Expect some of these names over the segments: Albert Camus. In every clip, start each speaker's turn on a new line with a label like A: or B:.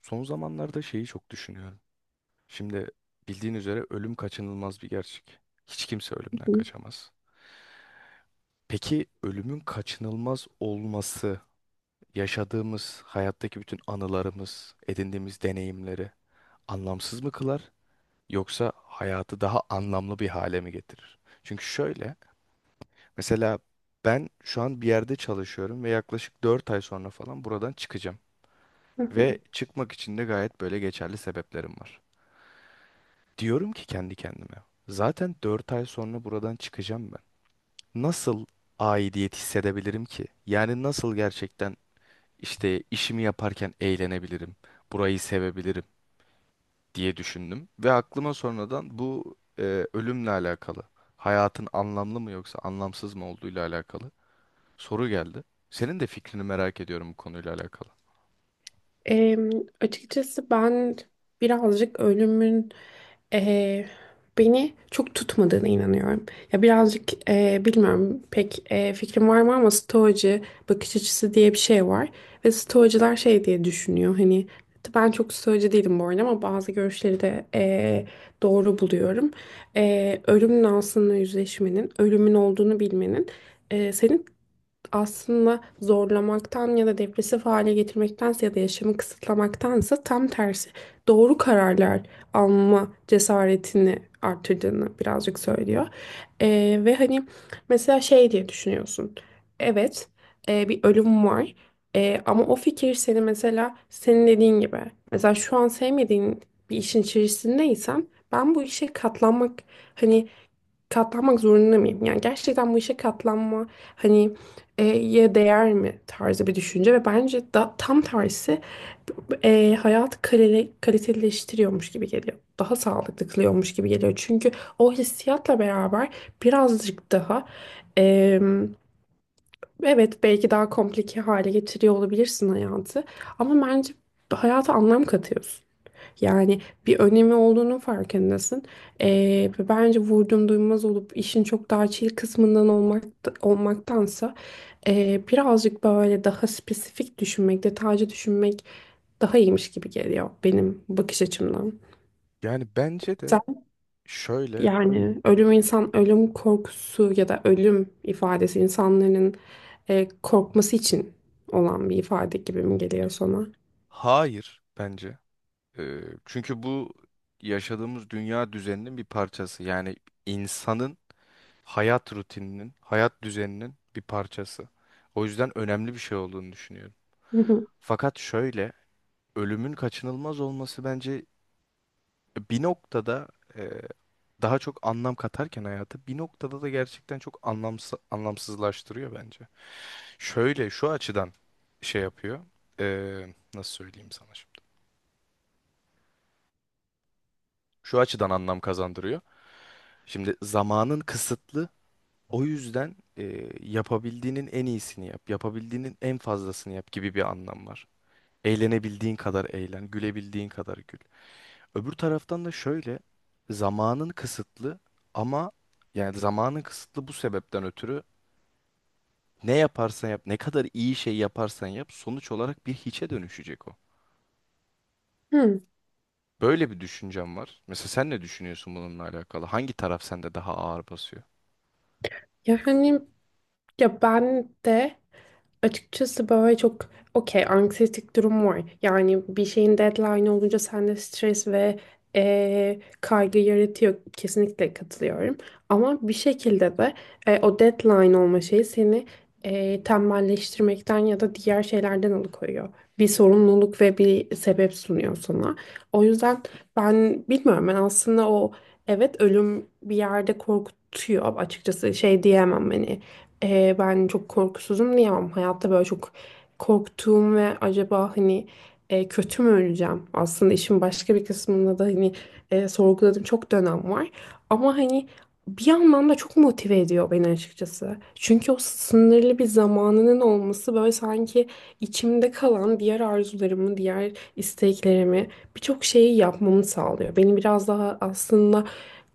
A: Son zamanlarda şeyi çok düşünüyorum. Şimdi bildiğin üzere ölüm kaçınılmaz bir gerçek. Hiç kimse ölümden
B: Hı
A: kaçamaz. Peki ölümün kaçınılmaz olması, yaşadığımız hayattaki bütün anılarımız, edindiğimiz deneyimleri anlamsız mı kılar yoksa hayatı daha anlamlı bir hale mi getirir? Çünkü şöyle, mesela ben şu an bir yerde çalışıyorum ve yaklaşık 4 ay sonra falan buradan çıkacağım
B: hı.
A: ve çıkmak için de gayet böyle geçerli sebeplerim var. Diyorum ki kendi kendime. Zaten 4 ay sonra buradan çıkacağım ben. Nasıl aidiyet hissedebilirim ki? Yani nasıl gerçekten işte işimi yaparken eğlenebilirim, burayı sevebilirim diye düşündüm. Ve aklıma sonradan bu ölümle alakalı, hayatın anlamlı mı yoksa anlamsız mı olduğuyla alakalı soru geldi. Senin de fikrini merak ediyorum bu konuyla alakalı.
B: Em, Açıkçası ben birazcık ölümün e, beni çok tutmadığına inanıyorum. Ya birazcık bilmiyorum pek fikrim var mı ama stoacı bakış açısı diye bir şey var ve stoacılar şey diye düşünüyor hani ben çok stoacı değilim bu arada ama bazı görüşleri de doğru buluyorum. Ölümün aslında yüzleşmenin, ölümün olduğunu bilmenin senin aslında zorlamaktan ya da depresif hale getirmektense ya da yaşamı kısıtlamaktansa tam tersi doğru kararlar alma cesaretini artırdığını birazcık söylüyor. Ve hani mesela şey diye düşünüyorsun. Evet, bir ölüm var. E, ama o fikir seni mesela senin dediğin gibi mesela şu an sevmediğin bir işin içerisindeysen ben bu işe katlanmak hani katlanmak zorunda mıyım? Yani gerçekten bu işe katlanma hani ye değer mi tarzı bir düşünce ve bence tam tersi hayatı kaliteleştiriyormuş gibi geliyor. Daha sağlıklı kılıyormuş gibi geliyor. Çünkü o hissiyatla beraber birazcık daha e, evet belki daha komplike hale getiriyor olabilirsin hayatı ama bence hayata anlam katıyorsun. Yani bir önemi olduğunun farkındasın. Ve bence vurdum duymaz olup işin çok daha chill kısmından olmaktansa birazcık böyle daha spesifik düşünmek, detaycı düşünmek daha iyiymiş gibi geliyor benim bakış açımdan.
A: Yani bence de
B: Sen
A: şöyle,
B: yani ölüm insan, ölüm korkusu ya da ölüm ifadesi insanların korkması için olan bir ifade gibi mi geliyor sana?
A: hayır bence. Ee, çünkü bu yaşadığımız dünya düzeninin bir parçası. Yani insanın hayat rutininin, hayat düzeninin bir parçası. O yüzden önemli bir şey olduğunu düşünüyorum.
B: Hı hı.
A: Fakat şöyle, ölümün kaçınılmaz olması bence bir noktada e, daha çok anlam katarken hayata bir noktada da gerçekten çok anlamsızlaştırıyor bence. Şöyle şu açıdan şey yapıyor. Nasıl söyleyeyim sana şimdi? Şu açıdan anlam kazandırıyor. Şimdi zamanın kısıtlı. O yüzden yapabildiğinin en iyisini yap, yapabildiğinin en fazlasını yap gibi bir anlam var. Eğlenebildiğin kadar eğlen, gülebildiğin kadar gül. Öbür taraftan da şöyle, zamanın kısıtlı ama yani zamanın kısıtlı bu sebepten ötürü ne yaparsan yap, ne kadar iyi şey yaparsan yap, sonuç olarak bir hiçe dönüşecek o.
B: Hı.
A: Böyle bir düşüncem var. Mesela sen ne düşünüyorsun bununla alakalı? Hangi taraf sende daha ağır basıyor?
B: Yani ya ben de açıkçası böyle çok okey anksiyetik durum var. Yani bir şeyin deadline olunca sende stres ve kaygı yaratıyor. Kesinlikle katılıyorum. Ama bir şekilde de o deadline olma şeyi seni tembelleştirmekten ya da diğer şeylerden alıkoyuyor. Bir sorumluluk ve bir sebep sunuyor sana. O yüzden ben bilmiyorum ben aslında o evet ölüm bir yerde korkutuyor açıkçası şey diyemem hani ben çok korkusuzum diyemem. Hayatta böyle çok korktuğum ve acaba hani kötü mü öleceğim? Aslında işin başka bir kısmında da hani sorguladığım çok dönem var. Ama hani bir yandan da çok motive ediyor beni açıkçası. Çünkü o sınırlı bir zamanının olması böyle sanki içimde kalan diğer arzularımı, diğer isteklerimi birçok şeyi yapmamı sağlıyor. Beni biraz daha aslında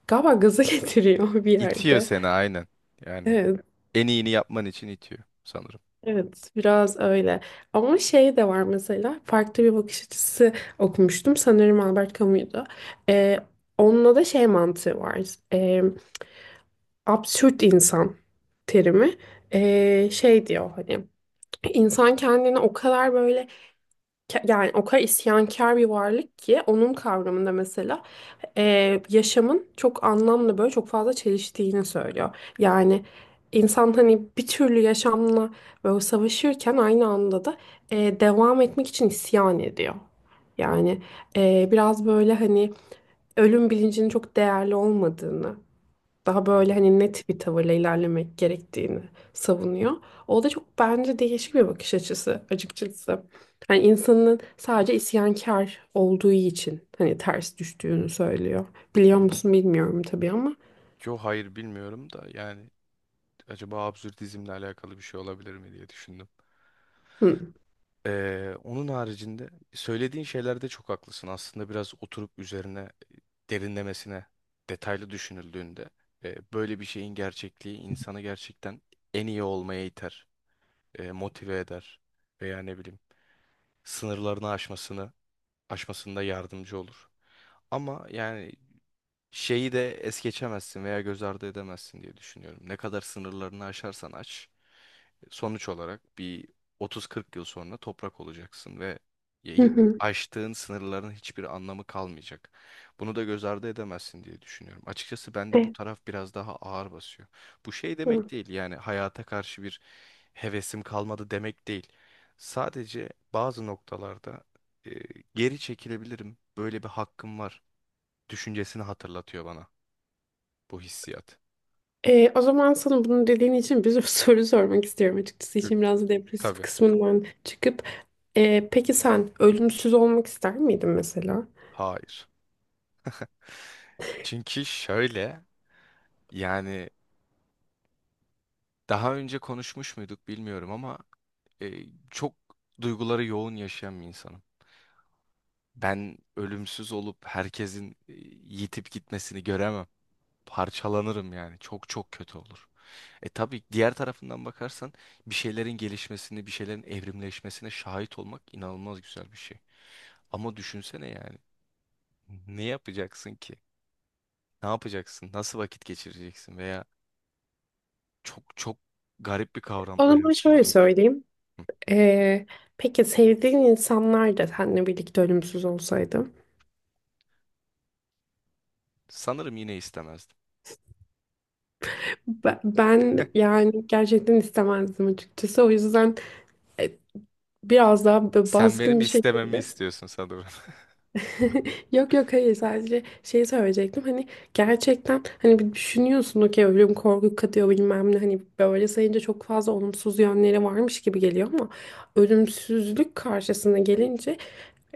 B: galiba gaza getiriyor bir
A: İtiyor
B: yerde.
A: seni aynen. Yani
B: Evet.
A: en iyini yapman için itiyor sanırım.
B: Evet, biraz öyle. Ama şey de var mesela, farklı bir bakış açısı okumuştum. Sanırım Albert Camus'du. Ee, Onunla da şey mantığı var. Ee, Absürt insan terimi. Şey diyor hani, insan kendini o kadar böyle yani o kadar isyankar bir varlık ki onun kavramında mesela yaşamın çok anlamlı böyle çok fazla çeliştiğini söylüyor. Yani insan hani bir türlü yaşamla böyle savaşırken aynı anda da devam etmek için isyan ediyor. Yani biraz böyle hani ölüm bilincinin çok değerli olmadığını daha
A: Hı
B: böyle
A: hı.
B: hani net bir tavırla ilerlemek gerektiğini savunuyor. O da çok bence değişik bir bakış açısı açıkçası. Hani insanın sadece isyankar olduğu için hani ters düştüğünü söylüyor. Biliyor musun bilmiyorum tabii ama.
A: Yo, hayır bilmiyorum da yani acaba absürdizmle alakalı bir şey olabilir mi diye düşündüm.
B: Hı.
A: Onun haricinde söylediğin şeylerde çok haklısın. Aslında biraz oturup üzerine derinlemesine detaylı düşünüldüğünde böyle bir şeyin gerçekliği insanı gerçekten en iyi olmaya iter, motive eder veya ne bileyim sınırlarını aşmasında yardımcı olur. Ama yani şeyi de es geçemezsin veya göz ardı edemezsin diye düşünüyorum. Ne kadar sınırlarını aşarsan aç, sonuç olarak bir 30-40 yıl sonra toprak olacaksın ve
B: Hı
A: y-
B: hı.
A: aştığın sınırların hiçbir anlamı kalmayacak. Bunu da göz ardı edemezsin diye düşünüyorum. Açıkçası bende bu
B: E,
A: taraf biraz daha ağır basıyor. Bu şey
B: hı.
A: demek değil yani hayata karşı bir hevesim kalmadı demek değil. Sadece bazı noktalarda e, geri çekilebilirim. Böyle bir hakkım var düşüncesini hatırlatıyor bana bu hissiyat.
B: O zaman sana bunu dediğin için bir sürü soru sormak istiyorum açıkçası.
A: Hı,
B: İşin biraz depresif
A: tabii.
B: kısmından çıkıp. Peki sen ölümsüz olmak ister miydin mesela?
A: Hayır. Çünkü şöyle yani daha önce konuşmuş muyduk bilmiyorum ama e, çok duyguları yoğun yaşayan bir insanım. Ben ölümsüz olup herkesin yitip gitmesini göremem. Parçalanırım yani. Çok çok kötü olur. E tabii diğer tarafından bakarsan bir şeylerin gelişmesini, bir şeylerin evrimleşmesine şahit olmak inanılmaz güzel bir şey. Ama düşünsene yani ne yapacaksın ki? Ne yapacaksın? Nasıl vakit geçireceksin? Veya çok çok garip bir kavram
B: O zaman şöyle
A: ölümsüzlük.
B: söyleyeyim.
A: Hı.
B: Ee, peki sevdiğin insanlar da seninle birlikte ölümsüz olsaydı?
A: Sanırım yine istemezdim.
B: Be- Ben, yani gerçekten istemezdim açıkçası. O yüzden e, biraz daha böyle
A: Sen
B: baskın
A: benim
B: bir
A: istememi
B: şekilde
A: istiyorsun sanırım.
B: yok yok hayır sadece şeyi söyleyecektim hani gerçekten hani bir düşünüyorsun okey ölüm korku katıyor bilmem ne hani böyle sayınca çok fazla olumsuz yönleri varmış gibi geliyor ama ölümsüzlük karşısına gelince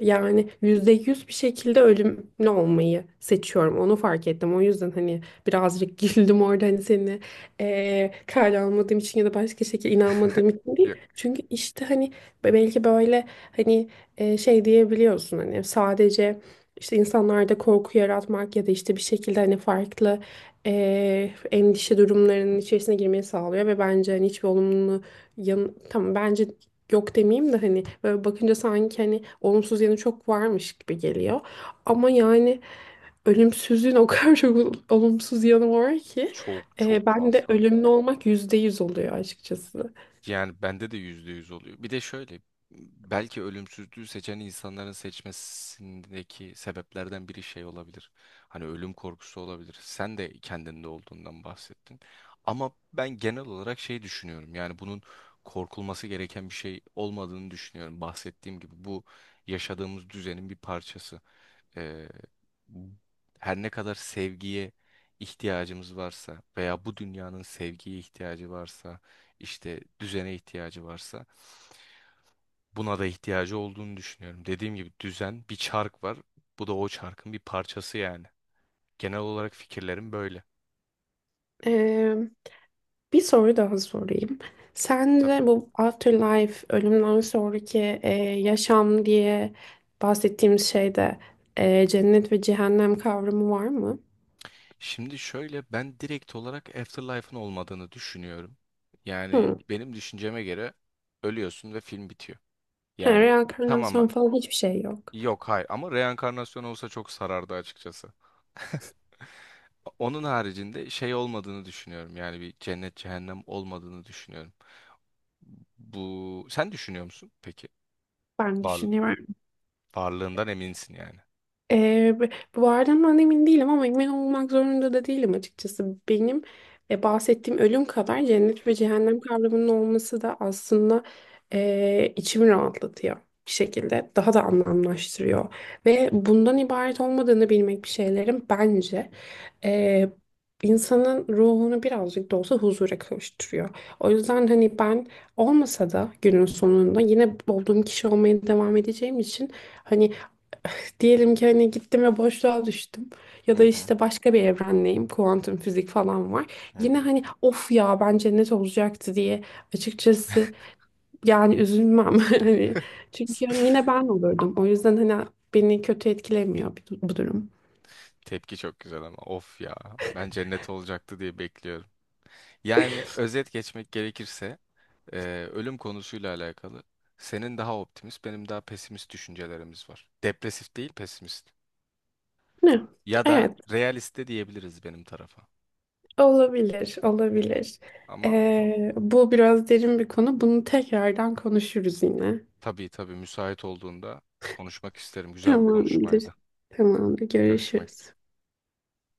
B: yani yüzde yüz bir şekilde ölümlü olmayı seçiyorum onu fark ettim o yüzden hani birazcık güldüm orada hani seni kale almadığım için ya da başka şekilde inanmadığım için değil
A: Yok,
B: çünkü işte hani belki böyle hani şey diyebiliyorsun hani sadece işte insanlarda korku yaratmak ya da işte bir şekilde hani farklı endişe durumlarının içerisine girmeyi sağlıyor ve bence hani hiçbir olumlu yan tamam bence yok demeyeyim de hani böyle bakınca sanki hani olumsuz yanı çok varmış gibi geliyor ama yani ölümsüzlüğün o kadar çok olumsuz yanı var ki
A: çok çok
B: ben de
A: fazla.
B: ölümlü olmak yüzde yüz oluyor açıkçası.
A: Yani bende de %100 oluyor. Bir de şöyle belki ölümsüzlüğü seçen insanların seçmesindeki sebeplerden biri şey olabilir. Hani ölüm korkusu olabilir. Sen de kendinde olduğundan bahsettin. Ama ben genel olarak şey düşünüyorum. Yani bunun korkulması gereken bir şey olmadığını düşünüyorum. Bahsettiğim gibi bu yaşadığımız düzenin bir parçası. e, Her ne kadar sevgiye ihtiyacımız varsa veya bu dünyanın sevgiye ihtiyacı varsa işte düzene ihtiyacı varsa buna da ihtiyacı olduğunu düşünüyorum. Dediğim gibi düzen bir çark var. Bu da o çarkın bir parçası yani. Genel olarak fikirlerim böyle.
B: Bir soru daha sorayım.
A: Tabii.
B: Sence bu afterlife, ölümden sonraki yaşam diye bahsettiğimiz şeyde cennet ve cehennem kavramı var mı?
A: Şimdi şöyle ben direkt olarak Afterlife'ın olmadığını düşünüyorum. Yani
B: Hmm.
A: benim düşünceme göre ölüyorsun ve film bitiyor.
B: Ha,
A: Yani tamam.
B: reenkarnasyon falan hiçbir şey yok.
A: Yok, hayır, ama reenkarnasyon olsa çok sarardı açıkçası. Onun haricinde şey olmadığını düşünüyorum. Yani bir cennet cehennem olmadığını düşünüyorum. Bu sen düşünüyor musun peki?
B: Ben
A: Var,
B: düşünüyorum.
A: varlığından eminsin yani.
B: Ee, b- Bu arada ben emin değilim ama emin olmak zorunda da değilim açıkçası. Benim bahsettiğim ölüm kadar cennet ve cehennem kavramının olması da aslında içimi rahatlatıyor bir şekilde. Daha da anlamlaştırıyor. Ve bundan ibaret olmadığını bilmek bir şeylerin bence e, insanın ruhunu birazcık da olsa huzura kavuşturuyor. O yüzden hani ben olmasa da günün sonunda yine olduğum kişi olmaya devam edeceğim için hani diyelim ki hani gittim ve boşluğa düştüm. Ya
A: Hı
B: da
A: hı.
B: işte başka bir evrendeyim. Kuantum fizik falan var.
A: Hı
B: Yine
A: hı.
B: hani of ya bence net olacaktı diye açıkçası yani üzülmem. Hani çünkü hani yine ben olurdum. O yüzden hani beni kötü etkilemiyor bu durum.
A: Tepki çok güzel ama of ya ben cennet olacaktı diye bekliyorum. Yani özet geçmek gerekirse e, ölüm konusuyla alakalı senin daha optimist benim daha pesimist düşüncelerimiz var. Depresif değil pesimist.
B: Ne?
A: Ya da
B: Evet,
A: realiste diyebiliriz benim tarafa.
B: olabilir
A: Hı hı.
B: olabilir.
A: Ama
B: Bu biraz derin bir konu. Bunu tekrardan konuşuruz yine.
A: tabii tabii müsait olduğunda konuşmak isterim. Güzel bir
B: Tamamdır.
A: konuşmaydı.
B: Tamamdır.
A: Görüşmek
B: Görüşürüz.